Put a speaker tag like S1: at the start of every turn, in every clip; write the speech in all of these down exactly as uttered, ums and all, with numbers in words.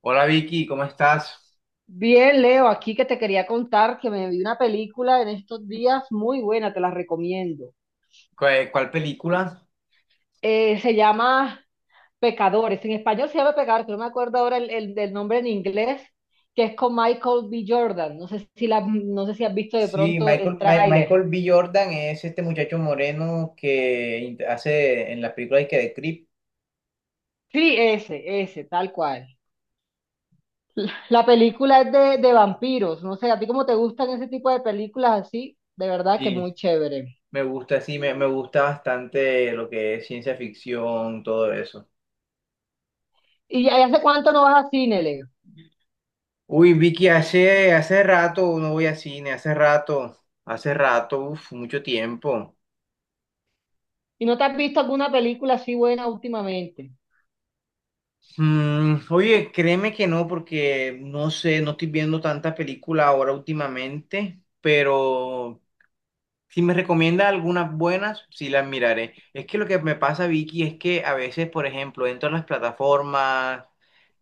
S1: Hola Vicky, ¿cómo estás?
S2: Bien, Leo, aquí que te quería contar que me vi una película en estos días muy buena, te la recomiendo.
S1: ¿Cuál, cuál película?
S2: Eh, se llama Pecadores, en español se llama Pecadores, pero no me acuerdo ahora el, el- del nombre en inglés, que es con Michael B. Jordan. No sé si, la, no sé si has visto de
S1: Sí,
S2: pronto el
S1: Michael, Mi-
S2: tráiler.
S1: Michael B. Jordan es este muchacho moreno que int- hace en las películas que de Creep.
S2: Sí, ese, ese, tal cual. La película es de, de vampiros, no sé, a ti cómo te gustan ese tipo de películas así, de verdad que
S1: Sí.
S2: muy chévere.
S1: Me gusta, sí, me, me gusta bastante lo que es ciencia ficción, todo eso.
S2: ¿Y ya- ¿y hace cuánto no vas a cine, Leo?
S1: Uy, Vicky, hace, hace rato no voy a cine, hace rato, hace rato, uf, mucho tiempo.
S2: ¿Y no te has visto alguna película así buena últimamente?
S1: Mm, oye, créeme que no, porque no sé, no estoy viendo tanta película ahora últimamente, pero si me recomienda algunas buenas, sí las miraré. Es que lo que me pasa, Vicky, es que a veces, por ejemplo, entro a las plataformas,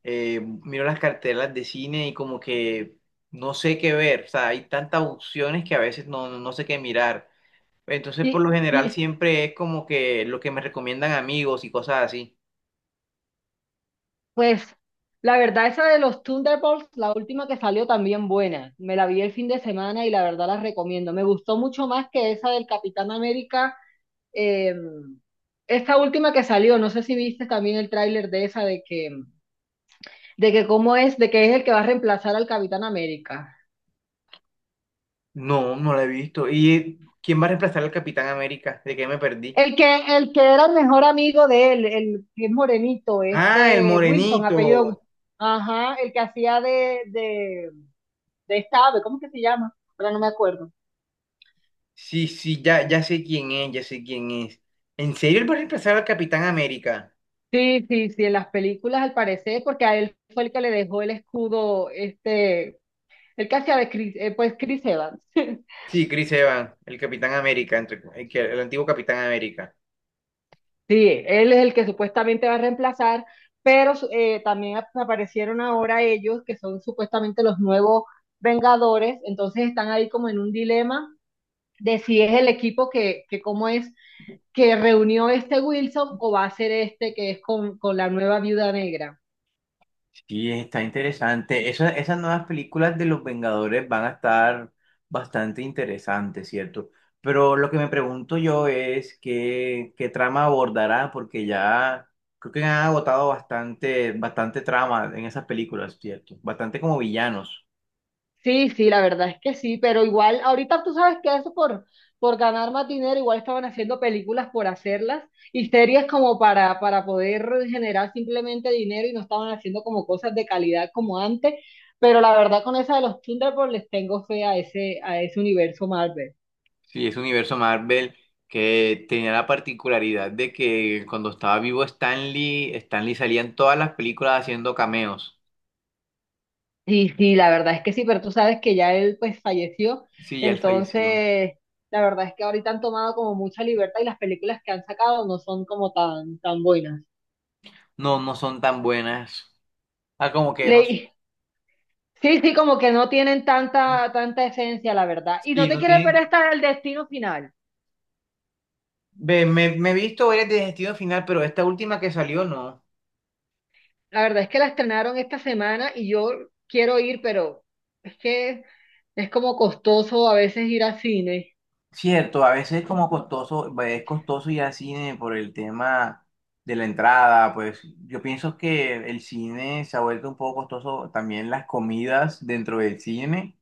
S1: eh, miro las cartelas de cine y como que no sé qué ver. O sea, hay tantas opciones que a veces no, no sé qué mirar. Entonces, por lo
S2: Y,
S1: general,
S2: y,
S1: siempre es como que lo que me recomiendan amigos y cosas así.
S2: pues la verdad esa de los Thunderbolts, la última que salió también buena. Me la vi el fin de semana y la verdad la recomiendo. Me gustó mucho más que esa del Capitán América. eh, Esta última que salió, no sé si viste también el tráiler de esa de que, de que cómo es, de que es el que va a reemplazar al Capitán América.
S1: No, no la he visto. ¿Y quién va a reemplazar al Capitán América? ¿De qué me perdí?
S2: El que, el que era el mejor amigo de él, el que es morenito,
S1: Ah, el
S2: este Wilson, apellido.
S1: morenito.
S2: Ajá, el que hacía de, de, de esta ave, ¿cómo que se llama? Ahora no me acuerdo.
S1: Sí, sí, ya, ya sé quién es, ya sé quién es. ¿En serio él va a reemplazar al Capitán América?
S2: Sí, sí, sí, en las películas al parecer, porque a él fue el que le dejó el escudo, este, el que hacía de Chris, eh, pues Chris Evans.
S1: Sí, Chris Evans, el Capitán América, entre, el, que- el antiguo Capitán América.
S2: Sí, él es el que supuestamente va a reemplazar, pero su- eh, también ap- aparecieron ahora ellos, que son supuestamente los nuevos Vengadores, entonces están ahí como en un dilema de si es el equipo que, que cómo es, que reunió este Wilson o va a ser este que es con, con la nueva viuda negra.
S1: Sí, está interesante. Esa- esas nuevas películas de los Vengadores van a estar bastante interesantes, ¿cierto? Pero lo que me pregunto yo es qué, qué trama abordará, porque ya creo que han agotado bastante, bastante trama en esas películas, ¿cierto? Bastante como villanos.
S2: Sí, sí, la verdad es que sí, pero igual ahorita tú sabes que eso por, por ganar más dinero, igual estaban haciendo películas por hacerlas y series como para, para poder generar simplemente dinero y no estaban haciendo como cosas de calidad como antes, pero la verdad con esa de los Thunderbolts les tengo fe a ese, a ese universo Marvel.
S1: Sí, ese universo Marvel que tenía la particularidad de que cuando estaba vivo Stan Lee, Stan Lee salía en todas las películas haciendo cameos.
S2: Sí, sí, la verdad es que sí, pero tú sabes que ya él pues falleció,
S1: Sí, ya él falleció.
S2: entonces la verdad es que ahorita han tomado como mucha libertad y las películas que han sacado no son como tan, tan buenas.
S1: No, no son tan buenas. Ah, como que no sé.
S2: Le- Sí, sí, como que no tienen tanta, tanta esencia, la verdad. Y no
S1: Sí,
S2: te
S1: no
S2: quieres ver
S1: tienen.
S2: hasta el destino final.
S1: Ve, me, me he visto varias de Destino Final, pero esta última que salió no.
S2: La verdad es que la estrenaron esta semana y yo quiero ir, pero es que es como costoso a veces ir al cine.
S1: Cierto, a veces es como costoso, es costoso ir al cine por el tema de la entrada, pues yo pienso que el cine se ha vuelto un poco costoso, también las comidas dentro del cine.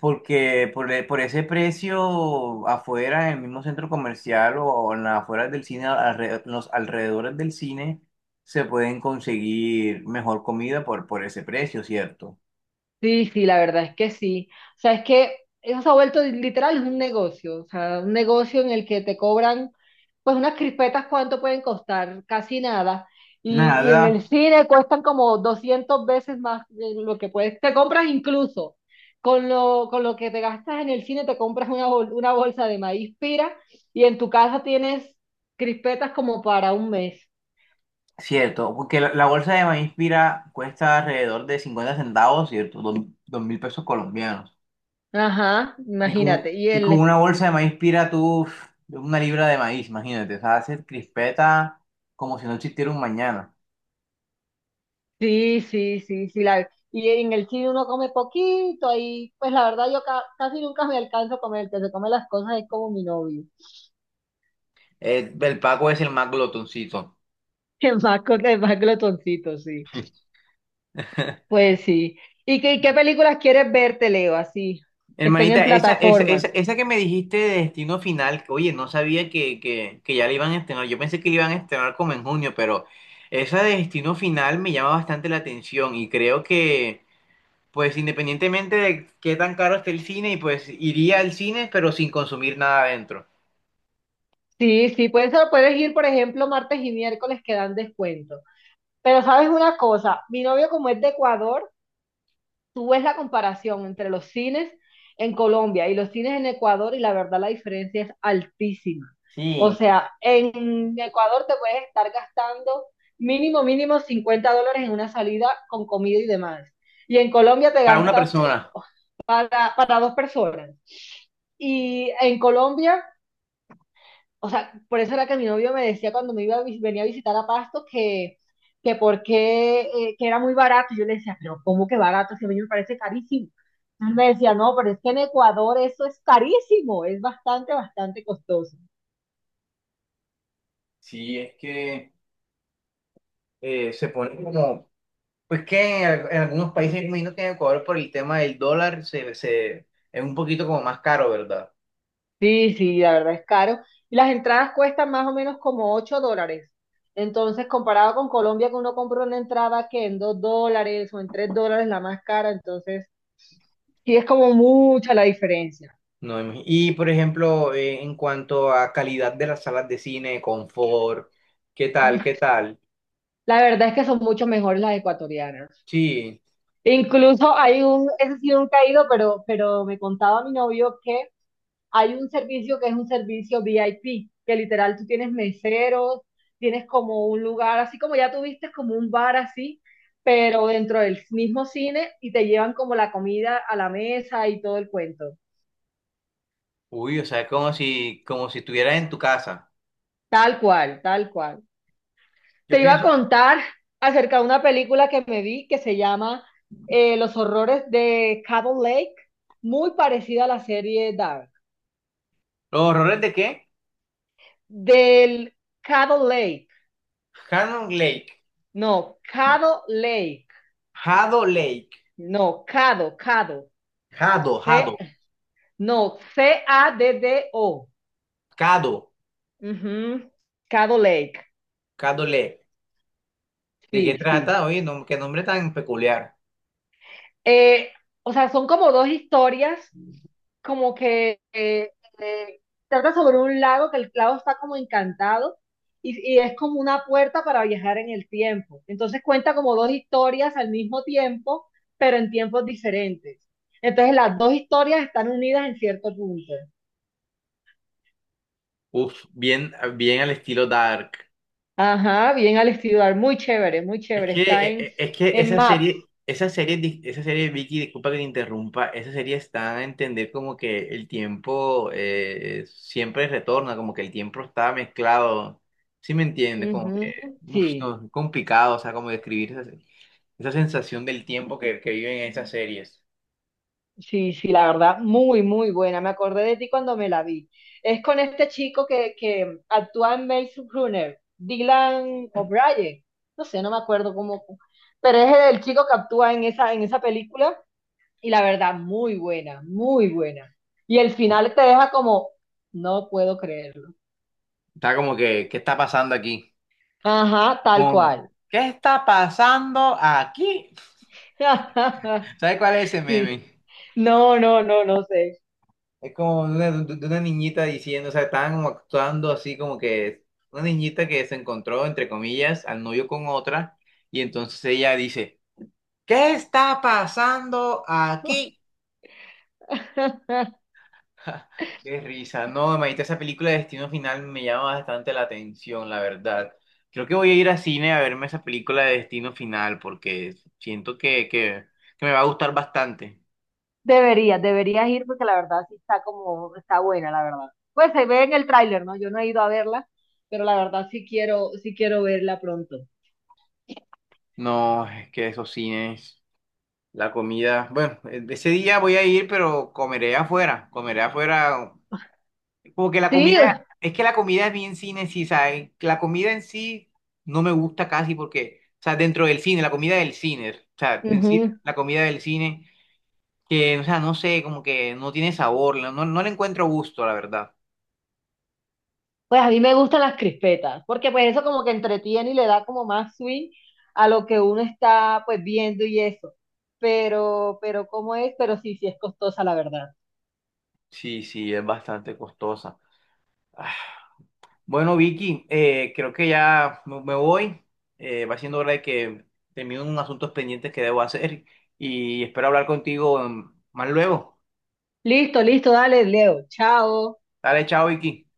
S1: Porque por, e- por ese precio afuera, en el mismo centro comercial o en las afueras del cine, alre- los alrededores del cine, se pueden conseguir mejor comida por, por ese precio, ¿cierto?
S2: Sí, sí, la verdad es que sí. O sea, es que eso se ha vuelto literal un negocio, o sea, un negocio en el que te cobran, pues unas crispetas, ¿cuánto pueden costar? Casi nada. Y, y
S1: Nada.
S2: en el cine cuestan como doscientas veces más de lo que puedes. Te compras incluso, con lo, con lo que te gastas en el cine, te compras una, bol- una bolsa de maíz pira y en tu casa tienes crispetas como para un mes.
S1: Cierto, porque la, la bolsa de maíz pira cuesta alrededor de cincuenta centavos, ¿cierto? Dos, dos mil pesos colombianos.
S2: Ajá,
S1: Y con,
S2: imagínate. Y
S1: y con
S2: el,
S1: una bolsa de maíz pira tú, uf, una libra de maíz, imagínate, o sea, hacer crispeta como si no existiera un mañana.
S2: Sí, sí, sí, sí. La, y en el cine uno come poquito ahí. Pues la verdad yo ca- casi nunca me alcanzo a comer. El que se come las cosas es como mi novio.
S1: Eh, el Paco es el más glotoncito.
S2: Es más, glo- el más glotoncito, sí. Pues sí. ¿Y qué, qué películas quieres verte, Leo? Así, que estén en
S1: Hermanita, esa, esa,
S2: plataforma.
S1: esa, esa que me dijiste de Destino Final, que, oye, no sabía que, que, que ya la iban a estrenar. Yo pensé que la iban a estrenar como en junio, pero esa de Destino Final me llama bastante la atención y creo que, pues, independientemente de qué tan caro esté el cine, y pues iría al cine, pero sin consumir nada adentro.
S2: Sí, sí, pues eso puedes ir, por ejemplo, martes y miércoles que dan descuento. Pero sabes una cosa, mi novio como es de Ecuador, tú ves la comparación entre los cines en Colombia y los cines en Ecuador y la verdad la diferencia es altísima. O
S1: Sí.
S2: sea, en Ecuador te puedes estar gastando mínimo, mínimo cincuenta dólares en una salida con comida y demás. Y en Colombia te
S1: Para una
S2: gastas
S1: persona.
S2: oh, para, para dos personas. Y en Colombia, o sea, por eso era que mi novio me decía cuando me iba a vis- venía a visitar a Pasto que, que por qué, eh, que era muy barato. Y yo le decía, pero ¿cómo que barato? Si a mí me parece carísimo. Entonces me decía, no, pero es que en Ecuador eso es carísimo, es bastante, bastante costoso.
S1: Sí, es que eh, se pone como. Pues que en, al- en algunos países, me imagino que en Ecuador por el tema del dólar se, se- es un poquito como más caro, ¿verdad?
S2: Sí, sí, la verdad es caro. Y las entradas cuestan más o menos como ocho dólares. Entonces, comparado con Colombia, que uno compra una entrada que en dos dólares o en tres dólares la más cara, entonces sí es como mucha la diferencia.
S1: No, imagi- y por ejemplo, eh, en cuanto a calidad de las salas de cine, confort, ¿qué tal? ¿Qué tal?
S2: La verdad es que son mucho mejores las ecuatorianas.
S1: Sí.
S2: Incluso hay un, ese ha sido un caído, pero, pero me contaba mi novio que hay un servicio que es un servicio V I P, que literal tú tienes meseros, tienes como un lugar, así como ya tuviste como un bar así, pero dentro del mismo cine y te llevan como la comida a la mesa y todo el cuento.
S1: Uy, o sea, es como si, como si estuvieras en tu casa.
S2: Tal cual, tal cual.
S1: Yo
S2: Te iba a
S1: pienso.
S2: contar acerca de una película que me vi que se llama eh, Los horrores de Cabot Lake, muy parecida a la serie Dark.
S1: ¿Los horrores de qué?
S2: Del Cabot Lake,
S1: Hanon Lake.
S2: no, Caddo Lake,
S1: Hado Lake.
S2: no, Cado, Cado,
S1: Hado,
S2: C,
S1: Hado.
S2: no, C-A-D-D-O,
S1: Cado.
S2: ujú, Caddo Lake,
S1: Cado Lake. ¿De qué
S2: sí, sí.
S1: trata? Oye, no, qué nombre tan peculiar.
S2: Eh, o sea, son como dos historias, como que eh, eh, trata sobre un lago, que el lago está como encantado y, y es como una puerta para viajar en el tiempo. Entonces cuenta como dos historias al mismo tiempo, pero en tiempos diferentes. Entonces las dos historias están unidas en cierto punto.
S1: Uf, bien, bien al estilo Dark.
S2: Ajá, bien al estudiar, muy chévere, muy
S1: Es
S2: chévere.
S1: que,
S2: Está
S1: eh,
S2: en,
S1: eh, es que
S2: en
S1: esa serie,
S2: Maps.
S1: esa serie, di- esa serie, Vicky, disculpa que te interrumpa, esa serie está a entender como que el tiempo eh, siempre retorna, como que el tiempo está mezclado, ¿sí me entiendes? Como
S2: Ujú,
S1: que, uf,
S2: sí.
S1: no, es complicado, o sea, como describir esa, esa sensación del tiempo que, que viven en esas series.
S2: Sí, sí, la verdad, muy, muy buena. Me acordé de ti cuando me la vi. Es con este chico que, que actúa en Maze Runner, Dylan O'Brien. No sé, no me acuerdo cómo, pero es el chico que actúa en esa, en esa película y la verdad, muy buena, muy buena. Y el final te deja como, no puedo creerlo.
S1: Está como que, ¿qué está pasando aquí?
S2: Ajá, tal
S1: Como,
S2: cual.
S1: ¿qué está pasando aquí? ¿Sabes cuál es ese
S2: Sí,
S1: meme?
S2: no, no, no, no sé.
S1: Es como de una, de una niñita diciendo, o sea, estaban como actuando así como que una niñita que se encontró, entre comillas, al novio con otra, y entonces ella dice, ¿qué está pasando aquí? Ja, qué risa, no, imagínate, esa película de Destino Final me llama bastante la atención, la verdad. Creo que voy a ir a cine a verme esa película de Destino Final porque siento que, que, que me va a gustar bastante.
S2: Deberías, deberías ir porque la verdad sí está como, está buena, la verdad. Pues se ve en el tráiler, ¿no? Yo no he ido a verla, pero la verdad sí quiero, sí quiero verla pronto.
S1: No, es que esos cines... La comida, bueno, eh, ese día voy a ir, pero comeré afuera, comeré afuera, como que la
S2: Sí,
S1: comida, es que la comida es bien cine en sí, ¿sabes? La comida en sí no me gusta casi porque, o sea, dentro del cine, la comida del cine, o sea, en sí,
S2: ujú.
S1: la comida del cine, que, o sea, no sé, como que no tiene sabor, no, no le encuentro gusto, la verdad.
S2: Pues a mí me gustan las crispetas, porque pues eso como que entretiene y le da como más swing a lo que uno está pues viendo y eso. Pero, pero ¿cómo es? Pero sí, sí es costosa, la verdad.
S1: Sí, sí, es bastante costosa. Bueno, Vicky, eh, creo que ya me me voy. Eh, va siendo hora de que termino unos asuntos pendientes que debo hacer y espero hablar contigo mm, más luego.
S2: Listo, listo, dale, Leo. Chao.
S1: Dale, chao, Vicky.